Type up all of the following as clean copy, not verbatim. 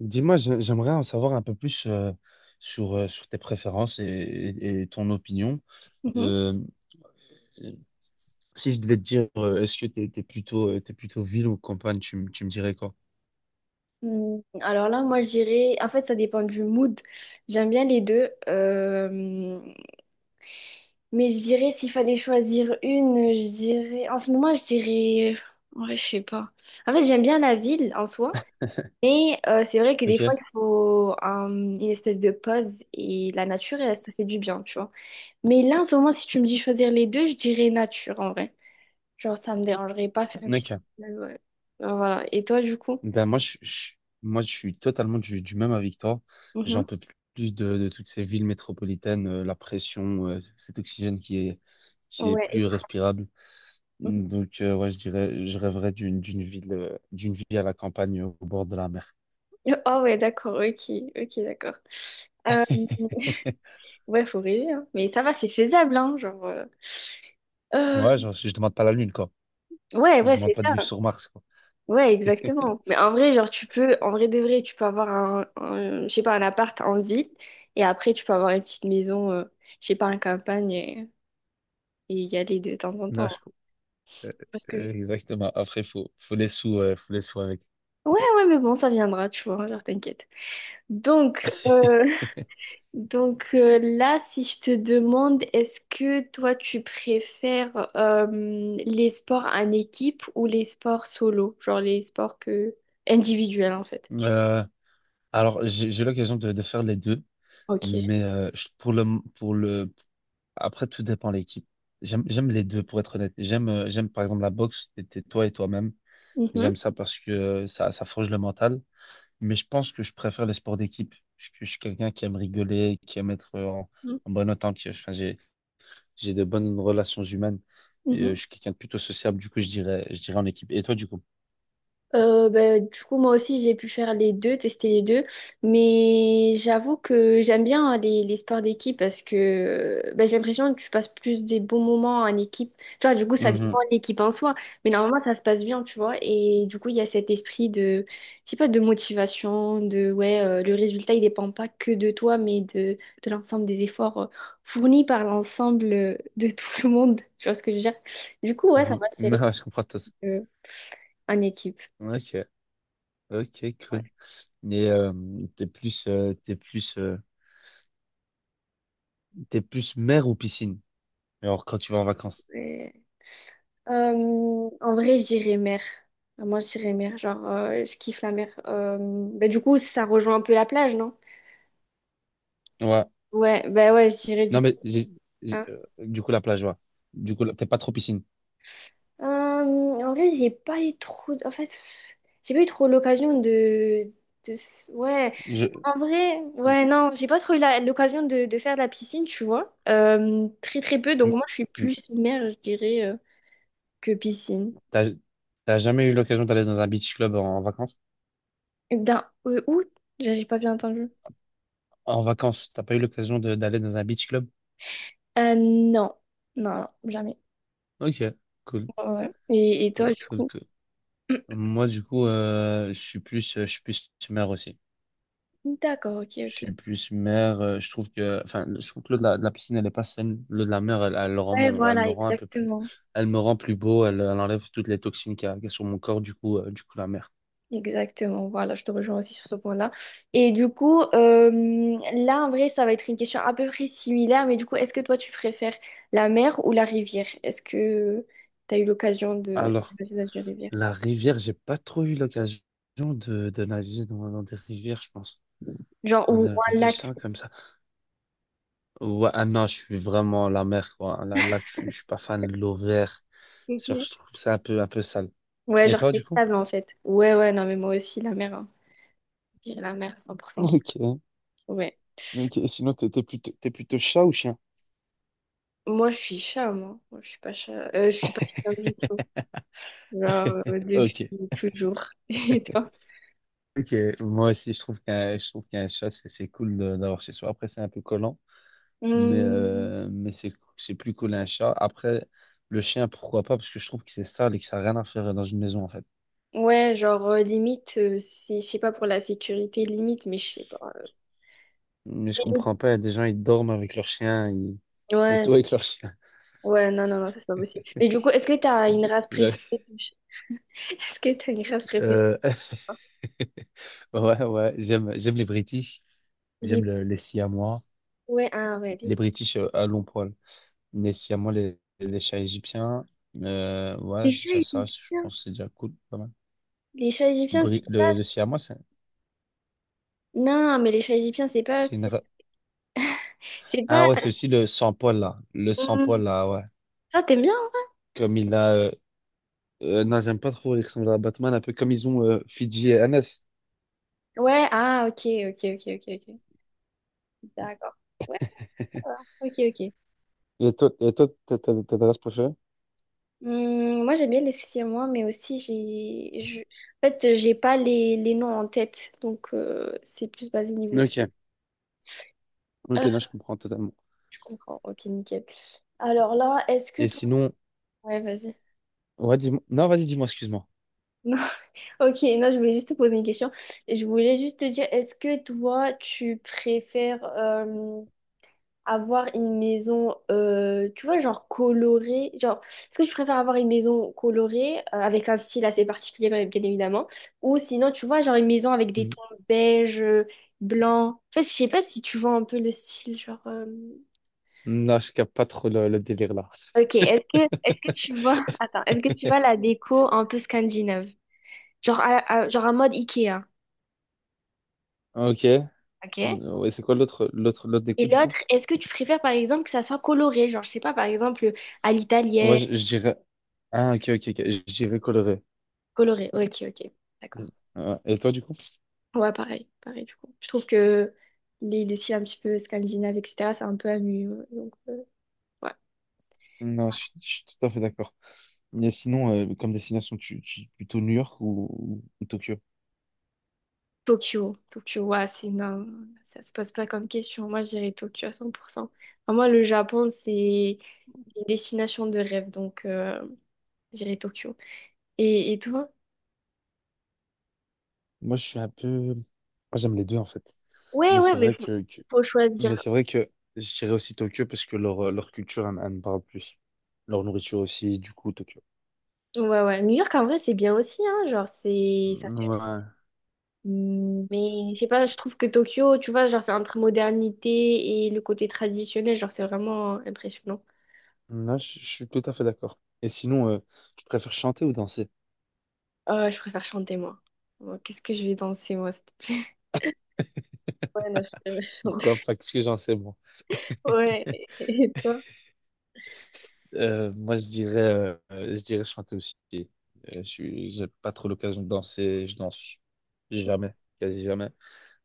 Dis-moi, j'aimerais en savoir un peu plus sur, sur tes préférences et ton opinion. Mhm. Euh, euh, Si je devais te dire, est-ce que t'es plutôt ville ou campagne, tu me dirais quoi? Hmm, alors là, moi, je dirais, en fait, ça dépend du mood. J'aime bien les deux. Mais je dirais, s'il fallait choisir une, je dirais, en ce moment, je dirais, ouais, je sais pas. En fait, j'aime bien la ville en soi, mais c'est vrai que des Ok? fois, il faut une espèce de pause et la nature, elle, ça fait du bien, tu vois. Mais là, en ce moment, si tu me dis choisir les deux, je dirais nature en vrai. Genre, ça me dérangerait pas faire une petite. Ok. Ouais. Voilà. Et toi, du coup? Ben moi, moi, je suis totalement du même avec toi. Mhm. J'en peux plus de toutes ces villes métropolitaines, la pression, cet oxygène qui est Ouais, et plus toi? respirable. Donc, ouais, je dirais, je rêverais d'une ville à la campagne, au bord de la mer. Oh ouais, d'accord, ok, ok, d'accord. Euh, ouais, faut rêver, hein. Mais ça va, c'est faisable, hein, genre... euh, Ouais, genre, je demande pas la Lune, quoi. ouais, Je ouais, demande c'est pas de ça. vivre sur Mars, quoi. Ouais, exactement. Mais en vrai, genre, tu peux... En vrai de vrai, tu peux avoir je sais pas, un appart en ville, et après, tu peux avoir une petite maison, je sais pas, en campagne, et y aller de temps en temps, Non, hein. je- euh, Parce que... Exactement. Après, faut les sous avec. Ouais, ouais, mais bon, ça viendra, tu vois, genre, t'inquiète. Donc, euh, Donc là, si je te demande, est-ce que toi, tu préfères les sports en équipe ou les sports solo, genre les sports que individuels en fait? Euh, alors, j'ai eu l'occasion de faire les deux, Ok. mais pour le, après, tout dépend de l'équipe. J'aime les deux, pour être honnête. J'aime, j'aime par exemple la boxe, t'es toi et toi-même. Mhm. J'aime ça parce que ça, ça forge le mental. Mais je pense que je préfère les sports d'équipe. Je suis quelqu'un qui aime rigoler, qui aime être en bonne entente. J'ai de bonnes relations humaines. Et, Mhm. je suis quelqu'un de plutôt sociable, du coup, je dirais en équipe. Et toi, du coup? Ben, du coup, moi aussi, j'ai pu faire les deux, tester les deux. Mais j'avoue que j'aime bien, hein, les sports d'équipe parce que ben, j'ai l'impression que tu passes plus des bons moments en équipe. Tu vois, du coup, ça dépend Mhm, de l'équipe en soi. Mais normalement, ça se passe bien, tu vois. Et du coup, il y a cet esprit de, je sais pas, de motivation, de, ouais, le résultat, il dépend pas que de toi, mais de l'ensemble des efforts fournis par l'ensemble de tout le monde. Tu vois ce que je veux dire? Du coup, ouais, ça mhm. va se gérer Non, je comprends tout. euh, en équipe. Ok, ok, cool. Mais t'es plus, euh, t'es plus, euh, t'es plus mer ou piscine? Alors, quand tu vas en vacances. Ouais. Euh, en vrai, je dirais mer. Enfin, moi, je dirais mer. Genre, je kiffe la mer. Bah, du coup, ça rejoint un peu la plage, non? Ouais. Ouais, bah ouais, je dirais Non, du coup, mais hein. Du coup, la plage, ouais. Du coup, là, t'es pas trop piscine. En vrai, j'ai pas eu trop. En fait, j'ai pas eu trop l'occasion de... de. Ouais, Je... en vrai, ouais, non, j'ai pas trop eu l'occasion de faire de la piscine, tu vois. Très, très peu. Donc, Mm, moi, je suis mm. plus mer, je dirais, que piscine. T'as, t'as jamais eu l'occasion d'aller dans un beach club en vacances? D'un. Où? J'ai pas bien entendu. En vacances, t'as pas eu l'occasion de- d'aller dans un beach club? Non, non, non, jamais. Ok, cool, Ouais, ouais. Et toi, cool, du cool, coup? cool. Moi, du coup, je suis plus mère aussi. D'accord, ok, Je ok. suis plus mère. Je trouve que, enfin, je trouve que l'eau de de la piscine, elle est pas saine. L'eau de la mer, elle le rend Ouais, elle voilà, me rend un peu plus, exactement. elle me rend plus beau. Elle enlève toutes les toxines qu'il y a sur mon corps. Du coup, la mer. Exactement, voilà, je te rejoins aussi sur ce point-là. Et du coup, là, en vrai, ça va être une question à peu près similaire, mais du coup, est-ce que toi, tu préfères la mer ou la rivière? Est-ce que tu as eu l'occasion de Alors, passer dans une rivière? la rivière, j'ai pas trop eu l'occasion de nager dans des rivières, je pense. Genre, En ou un lac. réfléchissant comme ça. Ouais, ah non, je suis vraiment la mer, quoi. Là, je suis pas fan de l'eau verte. Sur- Ok. Je trouve ça un peu sale. Ouais, Et genre, toi, c'est du coup? stable, en fait. Ouais, ouais, non, mais moi aussi, la mer, hein. Je dirais la mer, à cent pour cent. Ok. Ouais. Ok, et sinon, t'es plutôt chat ou chien? Moi, je suis chat, moi. Moi, je suis pas chat. Je suis pas chat du tout. Genre, Ok. depuis toujours. Et toi? Ok, moi aussi je trouve qu'un chat c'est cool de- d'avoir chez soi. Après c'est un peu collant, mais Hmm, c'est plus cool un chat. Après le chien pourquoi pas parce que je trouve que c'est sale et que ça n'a rien à faire dans une maison en fait. ouais, genre, limite, c'est, je sais pas, pour la sécurité, limite, mais je sais pas. Mais Mais je du coup- comprends pas, il y a des gens ils dorment avec leur chien, ils font ouais, tout avec leur chien. ouais, non, non, non, ça, c'est pas possible. Mais du coup, est-ce que t'as une race préférée Je- de chat? Est-ce que t'as une race préférée, euh, toi? Ouais, j'aime les British, j'aime Les... les Siamois, Ouais, ah, ouais, les les chats. British à long poil. Les Siamois, les chats égyptiens. Ouais, Les c'est chats déjà ça. Je égyptiens. pense que c'est déjà cool. Pas mal. Les chats égyptiens, c'est pas... Le Siamois, Non, mais les chats égyptiens, c'est pas... c'est une. ra- C'est pas... ah ouais, c'est aussi le sans-poil là. Le Hmm, sans-poil là, ouais. ça, t'aimes bien, hein? Comme il a. Non, j'aime pas trop. Il ressemble à Batman, un peu comme ils ont Fidji et Hannes. Ouais, ah, ok, ok, ok, ok, ok. D'accord. Ouais, ça va. Ok, ok. Et toi, t'as ta race préférée? Moi, j'aime bien les siamois, mais aussi, en fait, j'ai pas les, les noms en tête, donc c'est plus basé niveau. Ok, ok, Euh, là je comprends totalement. je comprends. Ok, nickel. Alors là, est-ce que Et toi... sinon, Ouais, vas-y. ouais, dis-moi. Non, vas-y, dis-moi, excuse-moi. Non. Ok, non, je voulais juste te poser une question. Je voulais juste te dire, est-ce que toi, tu préfères... avoir une maison, tu vois, genre colorée. Genre, est-ce que tu préfères avoir une maison colorée, avec un style assez particulier, bien bien évidemment, ou sinon, tu vois, genre une maison avec des Mm. tons beige, blanc. En fait, je sais pas si tu vois un peu le style, genre. Non, je capte pas trop le délire là. Ok, est-ce que tu vois, attends, est-ce que tu vois la déco un peu scandinave? Genre, genre un mode Ikea, Ok. ok? Mm, ouais, c'est quoi l'autre, l'autre des Et coups, du l'autre, coup? est-ce que tu préfères par exemple que ça soit coloré? Genre, je sais pas, par exemple, à l'italienne, Ouais, je dirais. ah, ok, ok, ok. Je dirais coloré. coloré. Ok, ok, d'accord. Et toi, du coup? Ouais, pareil, pareil, du coup. Je trouve que les styles un petit peu scandinaves, etc., c'est un peu ennuyeux. Donc, ouais. Non, je suis tout à fait d'accord. Mais sinon, comme destination, plutôt New York ou Tokyo? Tokyo, Tokyo, ouais, c'est non, ça se pose pas comme question. Moi, je dirais Tokyo à cent pour cent. Enfin, moi, le Japon, c'est une destination de rêve, donc je dirais Tokyo. Et toi? Moi, je suis un peu. Moi, j'aime les deux, en fait. Ouais, Mais ouais, c'est mais vrai faut, que, que- faut choisir. Mais c'est vrai que je dirais aussi Tokyo parce que leur, leur culture, elle me parle plus. Leur nourriture aussi, du coup, Tokyo. Ouais, ouais. New York, en vrai, c'est bien aussi, hein. Genre, c'est, ça fait Ouais. mm, mais je sais pas, je trouve que Tokyo, tu vois, genre c'est entre modernité et le côté traditionnel, genre c'est vraiment impressionnant. Là, je suis tout à fait d'accord. Et sinon, tu préfères chanter ou danser? Je préfère chanter moi. Moi, qu'est-ce que je vais danser moi? S'il te plaît. Ouais, non, je préfère chanter. Pourquoi? Parce que j'en sais Ouais, et toi? Moi, je dirais chanter aussi. J'ai pas trop l'occasion de danser. Je danse jamais, quasi jamais.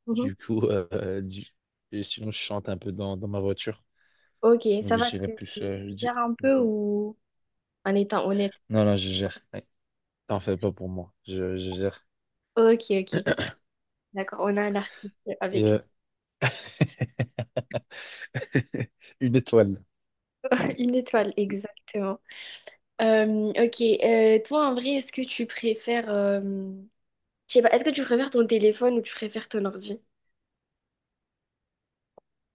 Mhm. Du coup, et sinon, je chante un peu dans ma voiture. Ok, Donc, ça va, je dirais tu plus. tu Je dis- gères un peu ou en étant honnête? non, non, je gère. Ouais, t'en fais pas pour moi. Je gère. Ok, ok. D'accord, on a un artiste Et avec une étoile. une étoile, exactement. Ok, toi en vrai, est-ce que tu préfères, je sais pas, est-ce que tu préfères ton téléphone ou tu préfères ton ordi?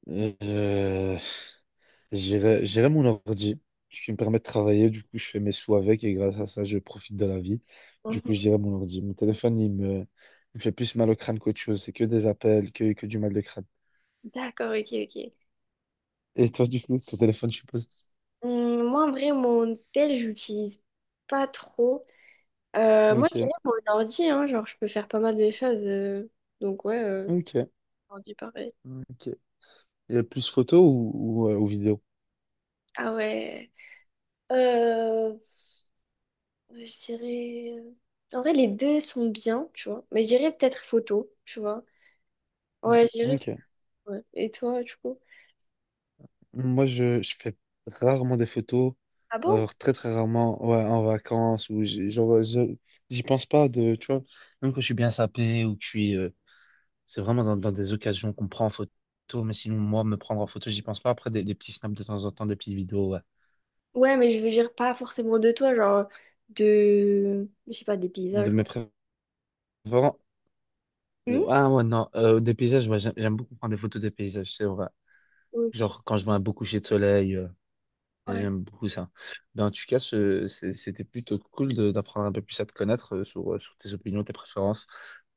Euh, j'irai mon ordi, ce qui me permet de travailler. Du coup, je fais mes sous avec et grâce à ça, je profite de la vie. Du Mhm. coup, je dirais mon ordi. Mon téléphone, il me fait plus mal au crâne qu'autre chose. C'est que des appels, que du mal de crâne. D'accord, ok, ok. Et toi, du coup, ton téléphone, je suppose. Moi, en vrai, mon tel, j'utilise pas trop. Moi, je Ok, dirais mon ordi, hein, genre, je peux faire pas mal de choses. Donc, ouais, ok, ordi pareil. ok. Il y a plus photos ou vidéo? Ah ouais. Euh, je dirais... en vrai, les deux sont bien, tu vois. Mais je dirais peut-être photo, tu vois. Ouais, je dirais... photo, Ok. ouais. Et toi, du coup? Moi, je fais rarement des photos. Ah bon? Alors, très, très rarement, ouais, en vacances, ou j'- genre, je- j'y pense pas de, tu vois, même quand je suis bien sapé ou que je suis, c'est vraiment dans des occasions qu'on prend en photo, mais sinon, moi, me prendre en photo, j'y pense pas. Après, des petits snaps de temps en temps, des petites vidéos, ouais. Ouais, mais je veux dire pas forcément de toi, genre de... Je sais pas, des De paysages. mes préférences. Ah ouais, non, des paysages, ouais, j'aime beaucoup prendre des photos des paysages, c'est vrai. Ok. Genre, quand je vois un beau coucher de soleil, Ouais. j'aime beaucoup ça. Mais en tout cas, c'était plutôt cool de- d'apprendre un peu plus à te connaître sur, sur tes opinions, tes préférences.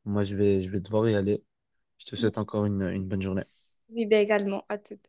Moi, je vais devoir y aller. Je te souhaite encore une bonne journée. Oui, bah également. À tout.